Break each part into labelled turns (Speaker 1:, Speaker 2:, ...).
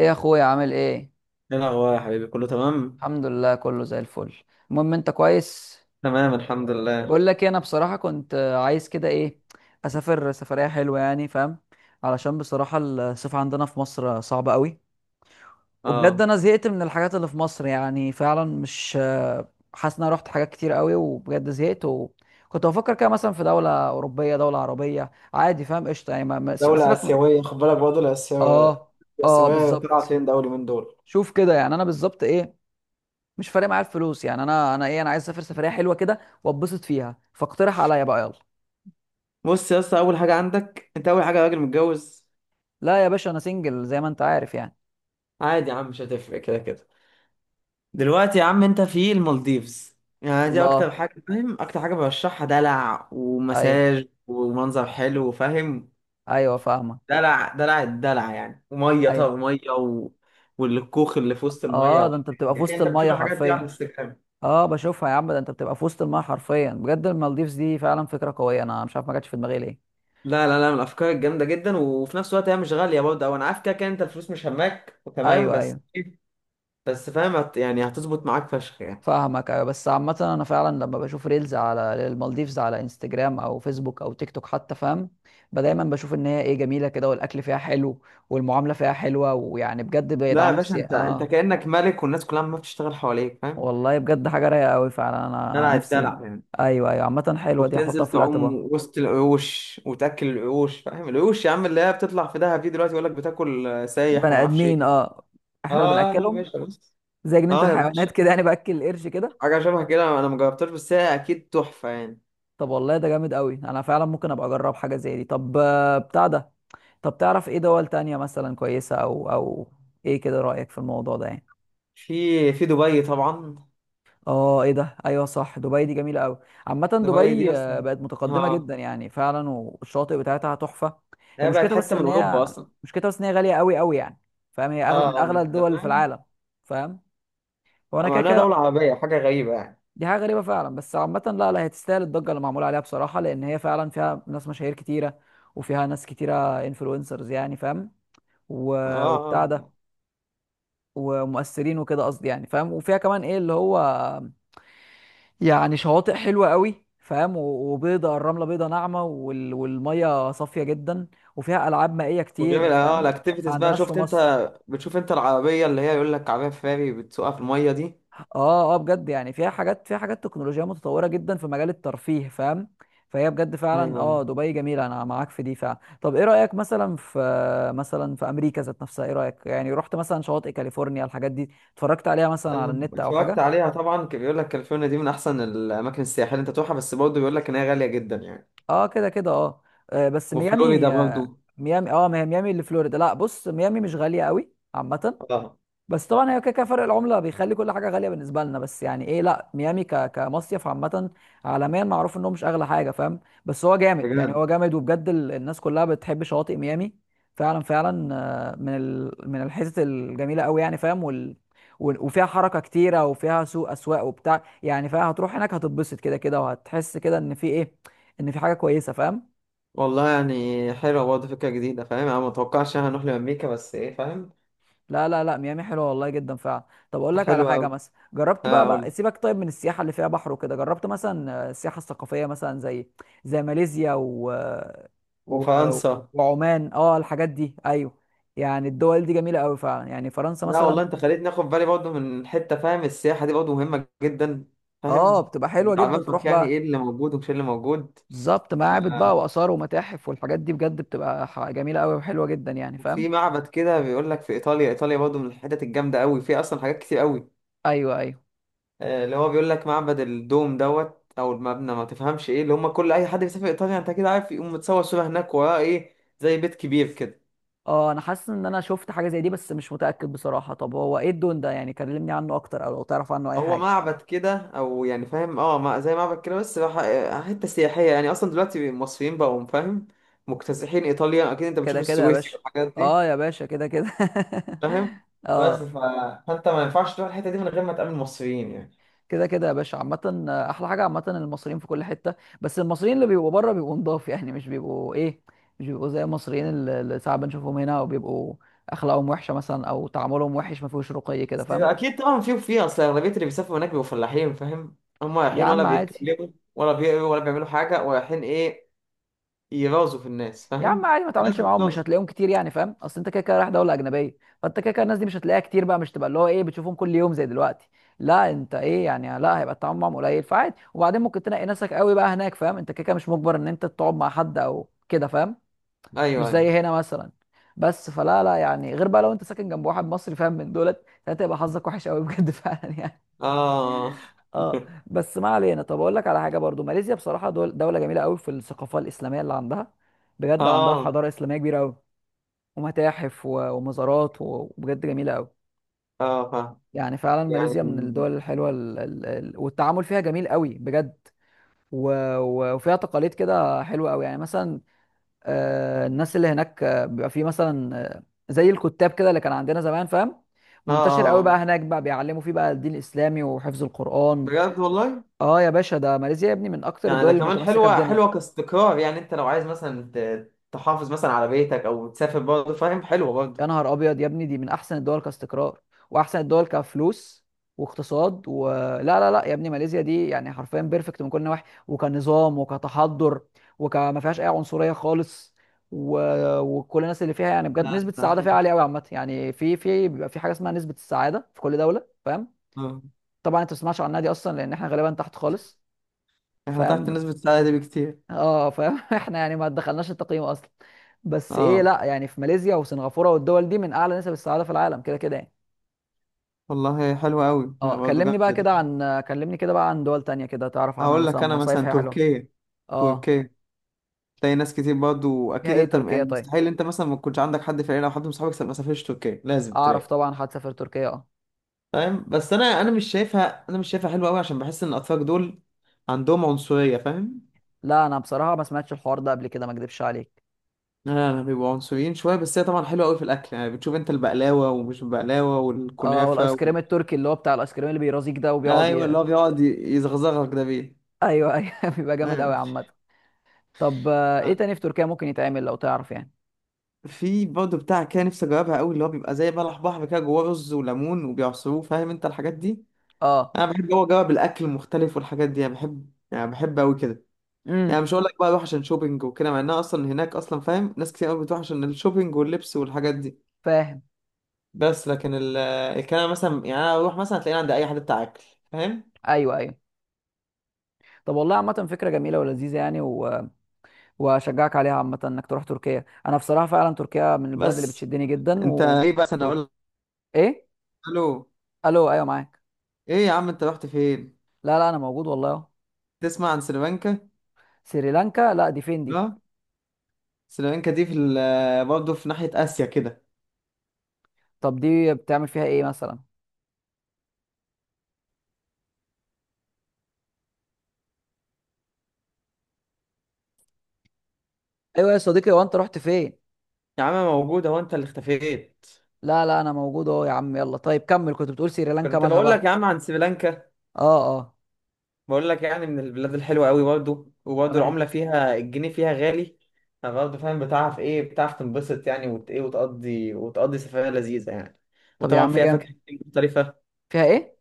Speaker 1: ايه يا اخويا؟ عامل ايه؟
Speaker 2: ايه الاخبار يا حبيبي؟ كله تمام.
Speaker 1: الحمد لله، كله زي الفل. المهم انت كويس؟
Speaker 2: تمام، الحمد
Speaker 1: بقول
Speaker 2: لله.
Speaker 1: لك إيه، انا بصراحه كنت عايز كده، ايه، اسافر سفريه حلوه، يعني فاهم؟ علشان بصراحه الصيف عندنا في مصر صعب قوي. وبجد
Speaker 2: اه.
Speaker 1: انا زهقت من الحاجات اللي في مصر، يعني فعلا مش حاسس ان انا رحت حاجات كتير قوي. وبجد زهقت، وكنت بفكر كده مثلا في دوله اوروبيه، دوله عربيه، عادي فاهم، قشطه يعني
Speaker 2: دولة
Speaker 1: سيبك من.
Speaker 2: آسيوية، خد بالك برضه، الآسيوية.
Speaker 1: اه، اه،
Speaker 2: طلعت
Speaker 1: بالظبط.
Speaker 2: فين دولي من دول؟
Speaker 1: شوف كده يعني انا بالظبط، ايه، مش فارق معايا الفلوس، يعني انا ايه، انا عايز اسافر سفريه حلوه كده واتبسط فيها. فاقترح عليا بقى، يلا.
Speaker 2: بص يا اسطى، اول حاجه عندك انت، اول حاجه راجل متجوز.
Speaker 1: لا يا باشا، انا سنجل زي ما انت عارف يعني.
Speaker 2: عادي يا عم، مش هتفرق كده كده. دلوقتي يا عم، انت في المالديفز. يعني دي اكتر
Speaker 1: الله.
Speaker 2: حاجه، فاهم؟ اكتر حاجه برشحها، دلع
Speaker 1: ايوه،
Speaker 2: ومساج ومنظر حلو، فاهم؟
Speaker 1: ايوه، فاهمه،
Speaker 2: دلع دلع الدلع يعني، وميه،
Speaker 1: ايوه.
Speaker 2: طب ميه والكوخ اللي في وسط الميه
Speaker 1: اه، ده
Speaker 2: والحاجات
Speaker 1: انت بتبقى
Speaker 2: دي.
Speaker 1: في
Speaker 2: لكن
Speaker 1: وسط
Speaker 2: انت بتشوف
Speaker 1: الميه
Speaker 2: الحاجات دي على
Speaker 1: حرفيا.
Speaker 2: الانستجرام.
Speaker 1: اه، بشوفها يا عم. ده انت بتبقى في وسط الميه حرفيا بجد. المالديفز دي فعلا فكره قويه، انا مش عارف ما جاتش في دماغي ليه.
Speaker 2: لا لا لا، من الافكار الجامده جدا، وفي نفس الوقت هي مش غاليه برضه، او انا عارف كده كده انت الفلوس مش هماك، تمام؟
Speaker 1: ايوه، ايوه،
Speaker 2: بس فاهم، يعني هتظبط معاك فشخ يعني.
Speaker 1: فاهمك، ايوه. بس عامة انا فعلا لما بشوف ريلز على المالديفز على انستجرام او فيسبوك او تيك توك حتى، فاهم؟ دايما بشوف ان هي، ايه، جميلة كده، والاكل فيها حلو. والمعاملة فيها حلوة، ويعني بجد
Speaker 2: لا يا
Speaker 1: بيدعموا
Speaker 2: باشا، انت
Speaker 1: السياحة،
Speaker 2: انت
Speaker 1: اه.
Speaker 2: كانك ملك، والناس كلها ما بتشتغل حواليك، فاهم؟
Speaker 1: والله بجد حاجة رايقة قوي فعلا، انا
Speaker 2: دلع
Speaker 1: نفسي.
Speaker 2: الدلع يعني.
Speaker 1: ايوه، ايوه، عامة حلوة دي، هحطها
Speaker 2: وبتنزل
Speaker 1: في
Speaker 2: تعوم
Speaker 1: الاعتبار.
Speaker 2: وسط القروش وتاكل القروش، فاهم؟ القروش يا عم اللي هي بتطلع في دهب دي، دلوقتي يقول لك بتاكل، سايح
Speaker 1: بني
Speaker 2: وما اعرفش ايه.
Speaker 1: ادمين، اه. احنا اللي
Speaker 2: اه، لا لا يا
Speaker 1: بناكلهم.
Speaker 2: باشا، بص.
Speaker 1: زي جنينة
Speaker 2: اه يا
Speaker 1: الحيوانات
Speaker 2: باشا.
Speaker 1: كده، يعني باكل القرش كده.
Speaker 2: حاجه شبه كده، انا ما جربتهاش، بس هي اكيد تحفه يعني.
Speaker 1: طب والله ده جامد قوي، انا فعلا ممكن ابقى اجرب حاجة زي دي. طب بتاع ده. طب تعرف ايه دول تانية مثلا كويسة، او. ايه كده رأيك في الموضوع ده يعني؟
Speaker 2: في دبي طبعا.
Speaker 1: اه، ايه ده، ايوه صح، دبي دي جميلة قوي. عامة
Speaker 2: دبي دي
Speaker 1: دبي
Speaker 2: اصلا،
Speaker 1: بقت متقدمة
Speaker 2: اه،
Speaker 1: جدا يعني فعلا، والشاطئ بتاعتها تحفة. هي
Speaker 2: هي بقت
Speaker 1: مشكلتها بس
Speaker 2: حته من
Speaker 1: ان
Speaker 2: اوروبا
Speaker 1: هي
Speaker 2: اصلا.
Speaker 1: مشكلتها بس ان هي غالية قوي قوي يعني. فاهم؟ هي اغلى
Speaker 2: اه
Speaker 1: من
Speaker 2: اه، ما
Speaker 1: اغلى
Speaker 2: انت
Speaker 1: الدول في
Speaker 2: فاهم.
Speaker 1: العالم. فاهم. وانا كده
Speaker 2: معناها
Speaker 1: كده.
Speaker 2: دوله عربيه، حاجه غريبه يعني.
Speaker 1: دي حاجة غريبة فعلا، بس عامة لا، لا، هي تستاهل الضجة اللي معمولة عليها بصراحة، لان هي فعلا فيها ناس مشاهير كتيرة. وفيها ناس كتيرة، انفلونسرز يعني فاهم.
Speaker 2: اه اه
Speaker 1: وبتاع
Speaker 2: آه.
Speaker 1: ده. ومؤثرين وكده، قصدي يعني فاهم. وفيها كمان، ايه اللي هو، يعني شواطئ حلوه قوي، فاهم؟ وبيضه، الرمله بيضه ناعمه، والميه صافيه جدا. وفيها العاب مائيه
Speaker 2: وغير
Speaker 1: كتير، فاهم؟ ما
Speaker 2: الاكتيفيتيز بقى،
Speaker 1: عندناش في
Speaker 2: شفت انت؟
Speaker 1: مصر.
Speaker 2: بتشوف انت العربيه اللي هي يقول لك عربيه فاري بتسوقها في الميه دي؟
Speaker 1: اه، اه، بجد يعني فيها حاجات تكنولوجيا متطوره جدا في مجال الترفيه، فاهم. فهي بجد فعلا،
Speaker 2: ايوه.
Speaker 1: اه، دبي جميله، انا معاك في دي فعلا. طب ايه رايك مثلا في، مثلا في امريكا ذات نفسها، ايه رايك؟ يعني رحت مثلا شواطئ كاليفورنيا الحاجات دي، اتفرجت عليها مثلا على
Speaker 2: لا،
Speaker 1: النت او
Speaker 2: اتفرجت
Speaker 1: حاجه؟
Speaker 2: عليها طبعا، كان بيقول لك كاليفورنيا دي من احسن الاماكن السياحيه اللي انت تروحها، بس برضه بيقول لك ان هي غاليه جدا يعني.
Speaker 1: اه كده كده، اه. بس
Speaker 2: وفلوريدا
Speaker 1: ميامي،
Speaker 2: برضه.
Speaker 1: ميامي، اه. ما هي ميامي اللي فلوريدا. لا بص، ميامي مش غالية قوي عامة.
Speaker 2: اه.
Speaker 1: بس طبعا هي كده كده، فرق العمله بيخلي كل حاجه غاليه بالنسبه لنا، بس يعني ايه، لا ميامي كمصيف عامه، عالميا معروف انه مش اغلى حاجه، فاهم؟ بس هو جامد يعني،
Speaker 2: بجد؟
Speaker 1: هو جامد، وبجد الناس كلها بتحب شواطئ ميامي. فعلا، فعلا. من الحتت الجميله قوي، يعني فاهم. وفيها حركه كتيره، وفيها سوق اسواق وبتاع، يعني فاهم؟ هتروح هناك، هتتبسط كده كده، وهتحس كده ان في ايه، ان في حاجه كويسه، فاهم؟
Speaker 2: والله يعني حلوه برضه، فكره جديده، فاهم؟ انا ما اتوقعش إن إحنا هنروح لامريكا، بس ايه، فاهم؟
Speaker 1: لا، لا، لا، ميامي حلوه والله جدا فعلا. طب اقول لك على
Speaker 2: حلوه
Speaker 1: حاجه،
Speaker 2: قوي.
Speaker 1: مثلا جربت
Speaker 2: اه
Speaker 1: بقى,
Speaker 2: قول.
Speaker 1: بقى سيبك طيب من السياحه اللي فيها بحر وكده. جربت مثلا السياحه الثقافيه مثلا، زي زي ماليزيا و...
Speaker 2: وفرنسا.
Speaker 1: وعمان، اه الحاجات دي، ايوه. يعني الدول دي جميله قوي فعلا، يعني فرنسا
Speaker 2: لا
Speaker 1: مثلا.
Speaker 2: والله، انت خليتني اخد بالي برضه من حته، فاهم؟ السياحه دي برضه مهمه جدا.
Speaker 1: اه،
Speaker 2: فاهم.
Speaker 1: بتبقى حلوه جدا
Speaker 2: بتعرفك
Speaker 1: تروح
Speaker 2: يعني ايه
Speaker 1: بقى.
Speaker 2: اللي موجود ومش إيه اللي موجود.
Speaker 1: بالظبط،
Speaker 2: ف-
Speaker 1: معابد بقى واثار ومتاحف والحاجات دي بجد بتبقى جميله قوي وحلوه جدا، يعني فاهم.
Speaker 2: في معبد كده، بيقول لك في ايطاليا، ايطاليا برضه من الحتت الجامده قوي، في اصلا حاجات كتير قوي.
Speaker 1: ايوه، ايوه،
Speaker 2: اللي هو بيقول لك معبد الدوم دوت، او المبنى، ما تفهمش ايه اللي هم، كل اي حد بيسافر ايطاليا انت كده عارف يقوم متصور صوره هناك وراه، ايه؟ زي بيت كبير كده.
Speaker 1: اه انا حاسس ان انا شفت حاجه زي دي، بس مش متاكد بصراحه. طب هو ايه الدون ده؟ يعني كلمني عنه اكتر، او لو تعرف عنه اي
Speaker 2: هو
Speaker 1: حاجه.
Speaker 2: معبد كده، او يعني فاهم، زي معبد كده، بس حته سياحيه يعني، اصلا دلوقتي المصريين بقوا فاهم مكتسحين ايطاليا، اكيد انت بتشوف
Speaker 1: كده كده يا
Speaker 2: السويسي
Speaker 1: باشا.
Speaker 2: والحاجات دي.
Speaker 1: اه يا باشا، كده كده.
Speaker 2: فاهم. بس
Speaker 1: اه.
Speaker 2: فانت ما ينفعش تروح الحته دي من غير ما تقابل مصريين يعني.
Speaker 1: كده كده يا باشا، عامه احلى حاجه، عامه المصريين في كل حته. بس المصريين اللي بيبقوا بره، بيبقوا نضاف، يعني مش بيبقوا ايه، مش بيبقوا زي المصريين اللي ساعات بنشوفهم هنا، وبيبقوا اخلاقهم وحشه مثلا، او تعاملهم وحش، ما فيهوش رقي كده،
Speaker 2: بس
Speaker 1: فاهم؟
Speaker 2: اكيد طبعا، في، وفي اصل اغلبيه اللي بيسافروا هناك بيبقوا فلاحين، فاهم؟ هم
Speaker 1: يا
Speaker 2: رايحين ولا
Speaker 1: عم عادي.
Speaker 2: بيتكلموا ولا بيقروا ولا بيعملوا حاجه، ورايحين ايه؟ يرازوا في الناس،
Speaker 1: يا عم
Speaker 2: فاهم؟
Speaker 1: عادي، ما
Speaker 2: الناس
Speaker 1: تعملش معاهم، مش
Speaker 2: بترازوا.
Speaker 1: هتلاقيهم كتير يعني فاهم، اصل انت كده كده رايح دوله اجنبيه. فانت كده كده الناس دي مش هتلاقيها كتير بقى، مش تبقى اللي هو ايه بتشوفهم كل يوم زي دلوقتي. لا انت ايه يعني، لا هيبقى التعامل معاهم قليل فعادي، وبعدين ممكن تنقي ناسك قوي بقى هناك، فاهم؟ انت كده كده مش مجبر ان انت تقعد مع حد او كده، فاهم؟ مش
Speaker 2: ايوه
Speaker 1: زي
Speaker 2: ايوه.
Speaker 1: هنا مثلا. بس فلا، لا يعني غير بقى، لو انت ساكن جنب واحد مصري فاهم من دولت، ساعتها يبقى حظك وحش قوي بجد فعلا يعني.
Speaker 2: اه.
Speaker 1: اه. بس ما علينا. طب اقول لك على حاجه برضو، ماليزيا بصراحه دول، دوله جميله قوي في الثقافه الاسلاميه اللي عندها. بجد عندها
Speaker 2: اه
Speaker 1: حضاره اسلاميه كبيره قوي. ومتاحف ومزارات وبجد جميله قوي.
Speaker 2: اه. فاهم.
Speaker 1: يعني فعلا
Speaker 2: يعني.
Speaker 1: ماليزيا من الدول الحلوه، والتعامل فيها جميل قوي بجد. و... وفيها تقاليد كده حلوه قوي يعني مثلا، الناس اللي هناك بيبقى في مثلا زي الكتاب كده اللي كان عندنا زمان، فاهم. منتشر قوي بقى
Speaker 2: اه.
Speaker 1: هناك، بقى بيعلموا فيه بقى الدين الاسلامي وحفظ القران.
Speaker 2: بجد والله.
Speaker 1: اه يا باشا، ده ماليزيا يا ابني من اكتر
Speaker 2: يعني
Speaker 1: الدول
Speaker 2: ده
Speaker 1: اللي
Speaker 2: كمان،
Speaker 1: متمسكه
Speaker 2: حلوة
Speaker 1: بدينها.
Speaker 2: حلوة كاستقرار يعني، انت لو عايز مثلا تحافظ مثلا على بيتك او تسافر برضه، فاهم؟ حلوة
Speaker 1: يا
Speaker 2: برضه.
Speaker 1: نهار ابيض يا ابني، دي من احسن الدول كاستقرار، واحسن الدول كفلوس واقتصاد. ولا لا، لا، لا يا ابني، ماليزيا دي يعني حرفيا بيرفكت من كل النواحي، وكنظام وكتحضر، وكما فيهاش اي عنصريه خالص. و... وكل الناس اللي فيها يعني بجد
Speaker 2: لا،
Speaker 1: نسبه
Speaker 2: لا،
Speaker 1: السعاده
Speaker 2: حلو.
Speaker 1: فيها عاليه قوي عامه، يعني في بيبقى في حاجه اسمها نسبه السعاده في كل دوله، فاهم؟
Speaker 2: اه.
Speaker 1: طبعا انت ما تسمعش عنها دي اصلا، لان احنا غالبا تحت خالص.
Speaker 2: احنا
Speaker 1: فاهم.
Speaker 2: تحت نسبة السعادة دي بكتير.
Speaker 1: اه فاهم. احنا يعني ما دخلناش التقييم اصلا. بس ايه،
Speaker 2: اه
Speaker 1: لا يعني، في ماليزيا وسنغافوره والدول دي من اعلى نسب السعاده في العالم كده كده يعني.
Speaker 2: والله، حلوة قوي يعني،
Speaker 1: اه،
Speaker 2: برضه جامدة دي.
Speaker 1: كلمني كده بقى عن دول تانية، كده تعرف عنها
Speaker 2: هقول
Speaker 1: مثلا،
Speaker 2: لك انا
Speaker 1: مصايف
Speaker 2: مثلا
Speaker 1: هي حلوة.
Speaker 2: تركيا.
Speaker 1: اه.
Speaker 2: تركيا. تلاقي ناس كتير برضه،
Speaker 1: فيها
Speaker 2: اكيد
Speaker 1: ايه
Speaker 2: انت
Speaker 1: تركيا
Speaker 2: يعني
Speaker 1: طيب؟
Speaker 2: مستحيل انت مثلا ما تكونش عندك حد في العيلة او حد من صحابك ما سافرش تركيا، لازم
Speaker 1: اعرف
Speaker 2: تلاقي.
Speaker 1: طبعا هتسافر تركيا، اه.
Speaker 2: فاهم؟ بس انا مش شايفها، انا مش شايفها حلوة قوي، عشان بحس ان الاتراك دول عندهم عنصرية، فاهم؟
Speaker 1: لا انا بصراحة ما سمعتش الحوار ده قبل كده، ما اكدبش عليك.
Speaker 2: لا لا، بيبقوا عنصريين شويه، بس هي طبعا حلوه قوي في الاكل، يعني بتشوف انت البقلاوه ومش البقلاوه
Speaker 1: اه،
Speaker 2: والكنافه
Speaker 1: والايس كريم التركي، اللي هو بتاع الايس كريم اللي بيرازيك ده، وبيقعد
Speaker 2: ايوه، اللي هو بيقعد يزغزغك ده بيه.
Speaker 1: ايوه، ايوه، بيبقى جامد قوي
Speaker 2: ايوه.
Speaker 1: عامة. طب ايه
Speaker 2: آه،
Speaker 1: تاني في تركيا ممكن يتعمل لو تعرف يعني؟
Speaker 2: في برضه بتاع كده، نفسي اجربها قوي، اللي هو بيبقى زي بلح بحر كده جواه رز وليمون وبيعصروه، فاهم انت الحاجات دي؟
Speaker 1: اه،
Speaker 2: انا بحب جوه اجرب الاكل المختلف والحاجات دي، انا بحب، يعني بحب قوي كده. يعني
Speaker 1: امم
Speaker 2: مش هقول لك بقى اروح عشان شوبينج وكده، مع انها اصلا هناك اصلا، فاهم؟ ناس كتير قوي بتروح عشان الشوبينج واللبس والحاجات دي.
Speaker 1: فاهم.
Speaker 2: بس لكن الكلام مثلا يعني، انا اروح مثلا، هتلاقيني عند اي حد بتاع اكل. فاهم؟
Speaker 1: ايوه، ايوه. طب والله عامة فكرة جميلة ولذيذة يعني واشجعك عليها عامة انك تروح تركيا. انا بصراحة فعلا تركيا من البلد اللي
Speaker 2: بس
Speaker 1: بتشدني جدا
Speaker 2: انت ايه، بس انا اقول
Speaker 1: ايه؟
Speaker 2: له
Speaker 1: الو، ايوه معاك.
Speaker 2: ايه؟ يا عم انت رحت فين؟
Speaker 1: لا، لا، انا موجود والله اهو.
Speaker 2: تسمع عن سريلانكا؟
Speaker 1: سريلانكا؟ لا دي فين دي؟
Speaker 2: اه، سريلانكا دي في برضه في ناحية آسيا كده.
Speaker 1: طب دي بتعمل فيها ايه مثلا؟ ايوه يا صديقي، هو انت رحت فين؟
Speaker 2: يا عم موجودة، وانت اللي اختفيت.
Speaker 1: لا، لا، انا موجود اهو يا عم. يلا طيب كمل، كنت بتقول سريلانكا
Speaker 2: كنت
Speaker 1: مالها
Speaker 2: بقول
Speaker 1: بقى.
Speaker 2: لك يا عم عن سريلانكا.
Speaker 1: اه، اه،
Speaker 2: بقول لك يعني من البلاد الحلوة قوي برضه، وبرضه
Speaker 1: تمام.
Speaker 2: العملة فيها، الجنيه فيها غالي. فبرضه فاهم، بتعرف ايه، بتعرف تنبسط يعني، وت ايه، وتقضي سفرية لذيذة يعني.
Speaker 1: طب يا
Speaker 2: وطبعا
Speaker 1: عم
Speaker 2: فيها
Speaker 1: جام.
Speaker 2: فاكهة كتير مختلفة.
Speaker 1: فيها ايه؟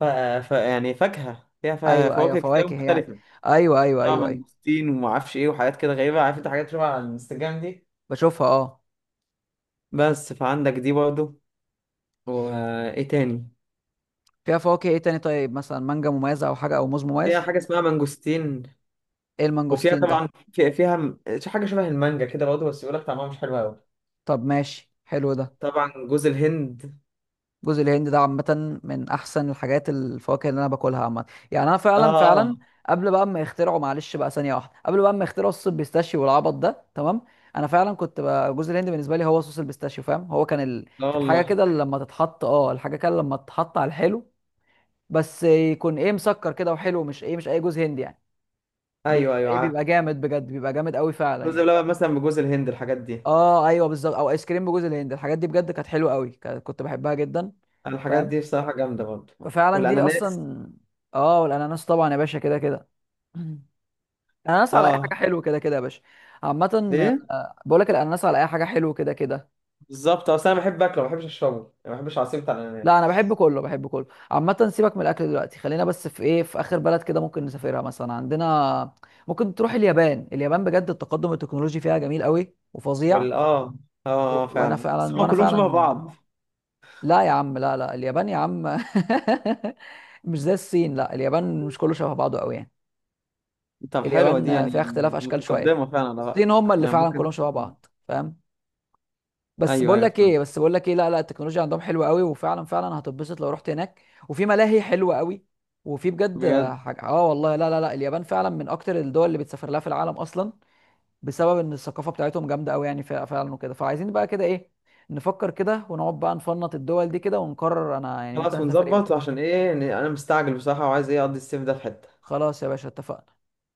Speaker 2: ف... يعني، فاكهة فيها
Speaker 1: ايوه، ايوه،
Speaker 2: فواكه كتير
Speaker 1: فواكه يعني.
Speaker 2: مختلفة.
Speaker 1: ايوه، ايوه،
Speaker 2: لا،
Speaker 1: ايوه، ايوه.
Speaker 2: مانجستين وما اعرفش ايه، وحاجات كده غريبه، عارف انت حاجات شبه على الانستجرام دي؟
Speaker 1: بشوفها، اه.
Speaker 2: بس فعندك دي برضه. وايه تاني؟
Speaker 1: فيها فواكه ايه تاني طيب؟ مثلا مانجا مميزة او حاجة، او موز
Speaker 2: فيها
Speaker 1: مميز؟
Speaker 2: حاجه اسمها مانجوستين.
Speaker 1: ايه
Speaker 2: وفيها
Speaker 1: المانجوستين ده؟
Speaker 2: طبعا، فيها حاجه شبه المانجا كده برضه، بس يقول لك طعمها مش حلو قوي.
Speaker 1: طب ماشي، حلو ده.
Speaker 2: طبعا جوز الهند.
Speaker 1: جوز الهند ده عامة من أحسن الحاجات الفواكه اللي أنا باكلها عامة. يعني أنا
Speaker 2: اه
Speaker 1: فعلا،
Speaker 2: اه
Speaker 1: فعلا،
Speaker 2: آه.
Speaker 1: قبل بقى ما يخترعوا معلش بقى ثانية واحدة، قبل بقى ما يخترعوا الصوص البيستاشيو والعبط ده، تمام. أنا فعلا كنت بقى جوز الهند بالنسبة لي هو صوص البيستاشيو، فاهم؟ هو كان
Speaker 2: والله.
Speaker 1: الحاجة كده لما تتحط على الحلو. بس يكون، إيه، مسكر كده وحلو، مش، إيه، مش أي جوز هند يعني.
Speaker 2: ايوه
Speaker 1: بيبقى
Speaker 2: ايوه،
Speaker 1: إيه
Speaker 2: عارف.
Speaker 1: بيبقى جامد بجد، بيبقى جامد قوي فعلا
Speaker 2: جوز
Speaker 1: يعني.
Speaker 2: اللبن مثلا، بجوز الهند، الحاجات دي.
Speaker 1: أه أيوه بالظبط، أو آيس كريم بجوز الهند، الحاجات دي بجد كانت حلوة قوي، كنت بحبها جدا.
Speaker 2: الحاجات
Speaker 1: فاهم.
Speaker 2: دي بصراحه جامده برضه.
Speaker 1: ففعلا دي
Speaker 2: والاناناس.
Speaker 1: اصلا. اه، والاناناس طبعا يا باشا كده كده. الاناناس على اي حاجه
Speaker 2: اه.
Speaker 1: حلو كده كده يا باشا. عامه
Speaker 2: ايه.
Speaker 1: بقول لك الاناناس على اي حاجه حلو كده كده.
Speaker 2: بالظبط، اصل انا بحب اكله، ما بحبش اشربه يعني، ما بحبش عصير بتاع الاناناس.
Speaker 1: لا، انا بحب كله، بحب كله. عامه سيبك من الاكل دلوقتي، خلينا بس في، ايه، في اخر بلد كده ممكن نسافرها مثلا عندنا. ممكن تروح اليابان. اليابان بجد التقدم التكنولوجي فيها جميل قوي وفظيع.
Speaker 2: وال اه اه.
Speaker 1: وانا
Speaker 2: فعلا، بس
Speaker 1: فعلا
Speaker 2: هما
Speaker 1: وانا
Speaker 2: كلهم شبه
Speaker 1: فعلا
Speaker 2: بعض.
Speaker 1: لا يا عم، لا، لا، اليابان يا عم. مش زي الصين. لا اليابان مش كله شبه بعضه قوي يعني.
Speaker 2: طب حلوة دي
Speaker 1: اليابان
Speaker 2: يعني.
Speaker 1: فيها اختلاف اشكال شويه.
Speaker 2: متقدمة فعلا على رأيك.
Speaker 1: الصين هم اللي
Speaker 2: يعني
Speaker 1: فعلا
Speaker 2: ممكن.
Speaker 1: كلهم شبه بعض، فاهم. بس
Speaker 2: ايوه
Speaker 1: بقول
Speaker 2: ايوه
Speaker 1: لك
Speaker 2: فعلا.
Speaker 1: ايه بس بقول لك ايه لا، لا، التكنولوجيا عندهم حلوه قوي، وفعلا فعلا هتتبسط لو رحت هناك. وفي ملاهي حلوه قوي. وفي بجد
Speaker 2: بجد.
Speaker 1: حاجه، اه والله لا، لا، لا، اليابان فعلا من اكتر الدول اللي بتسافر لها في العالم اصلا، بسبب ان الثقافه بتاعتهم جامده قوي يعني فعلا، وكده فعايزين بقى كده ايه، نفكر كده، ونقعد بقى نفنط الدول دي كده، ونقرر انا يعني ممكن
Speaker 2: خلاص،
Speaker 1: اسافر ايه
Speaker 2: ونظبط،
Speaker 1: وكده.
Speaker 2: عشان ايه، إن انا مستعجل بصراحة، وعايز ايه اقضي الصيف ده في حتة.
Speaker 1: خلاص يا باشا اتفقنا.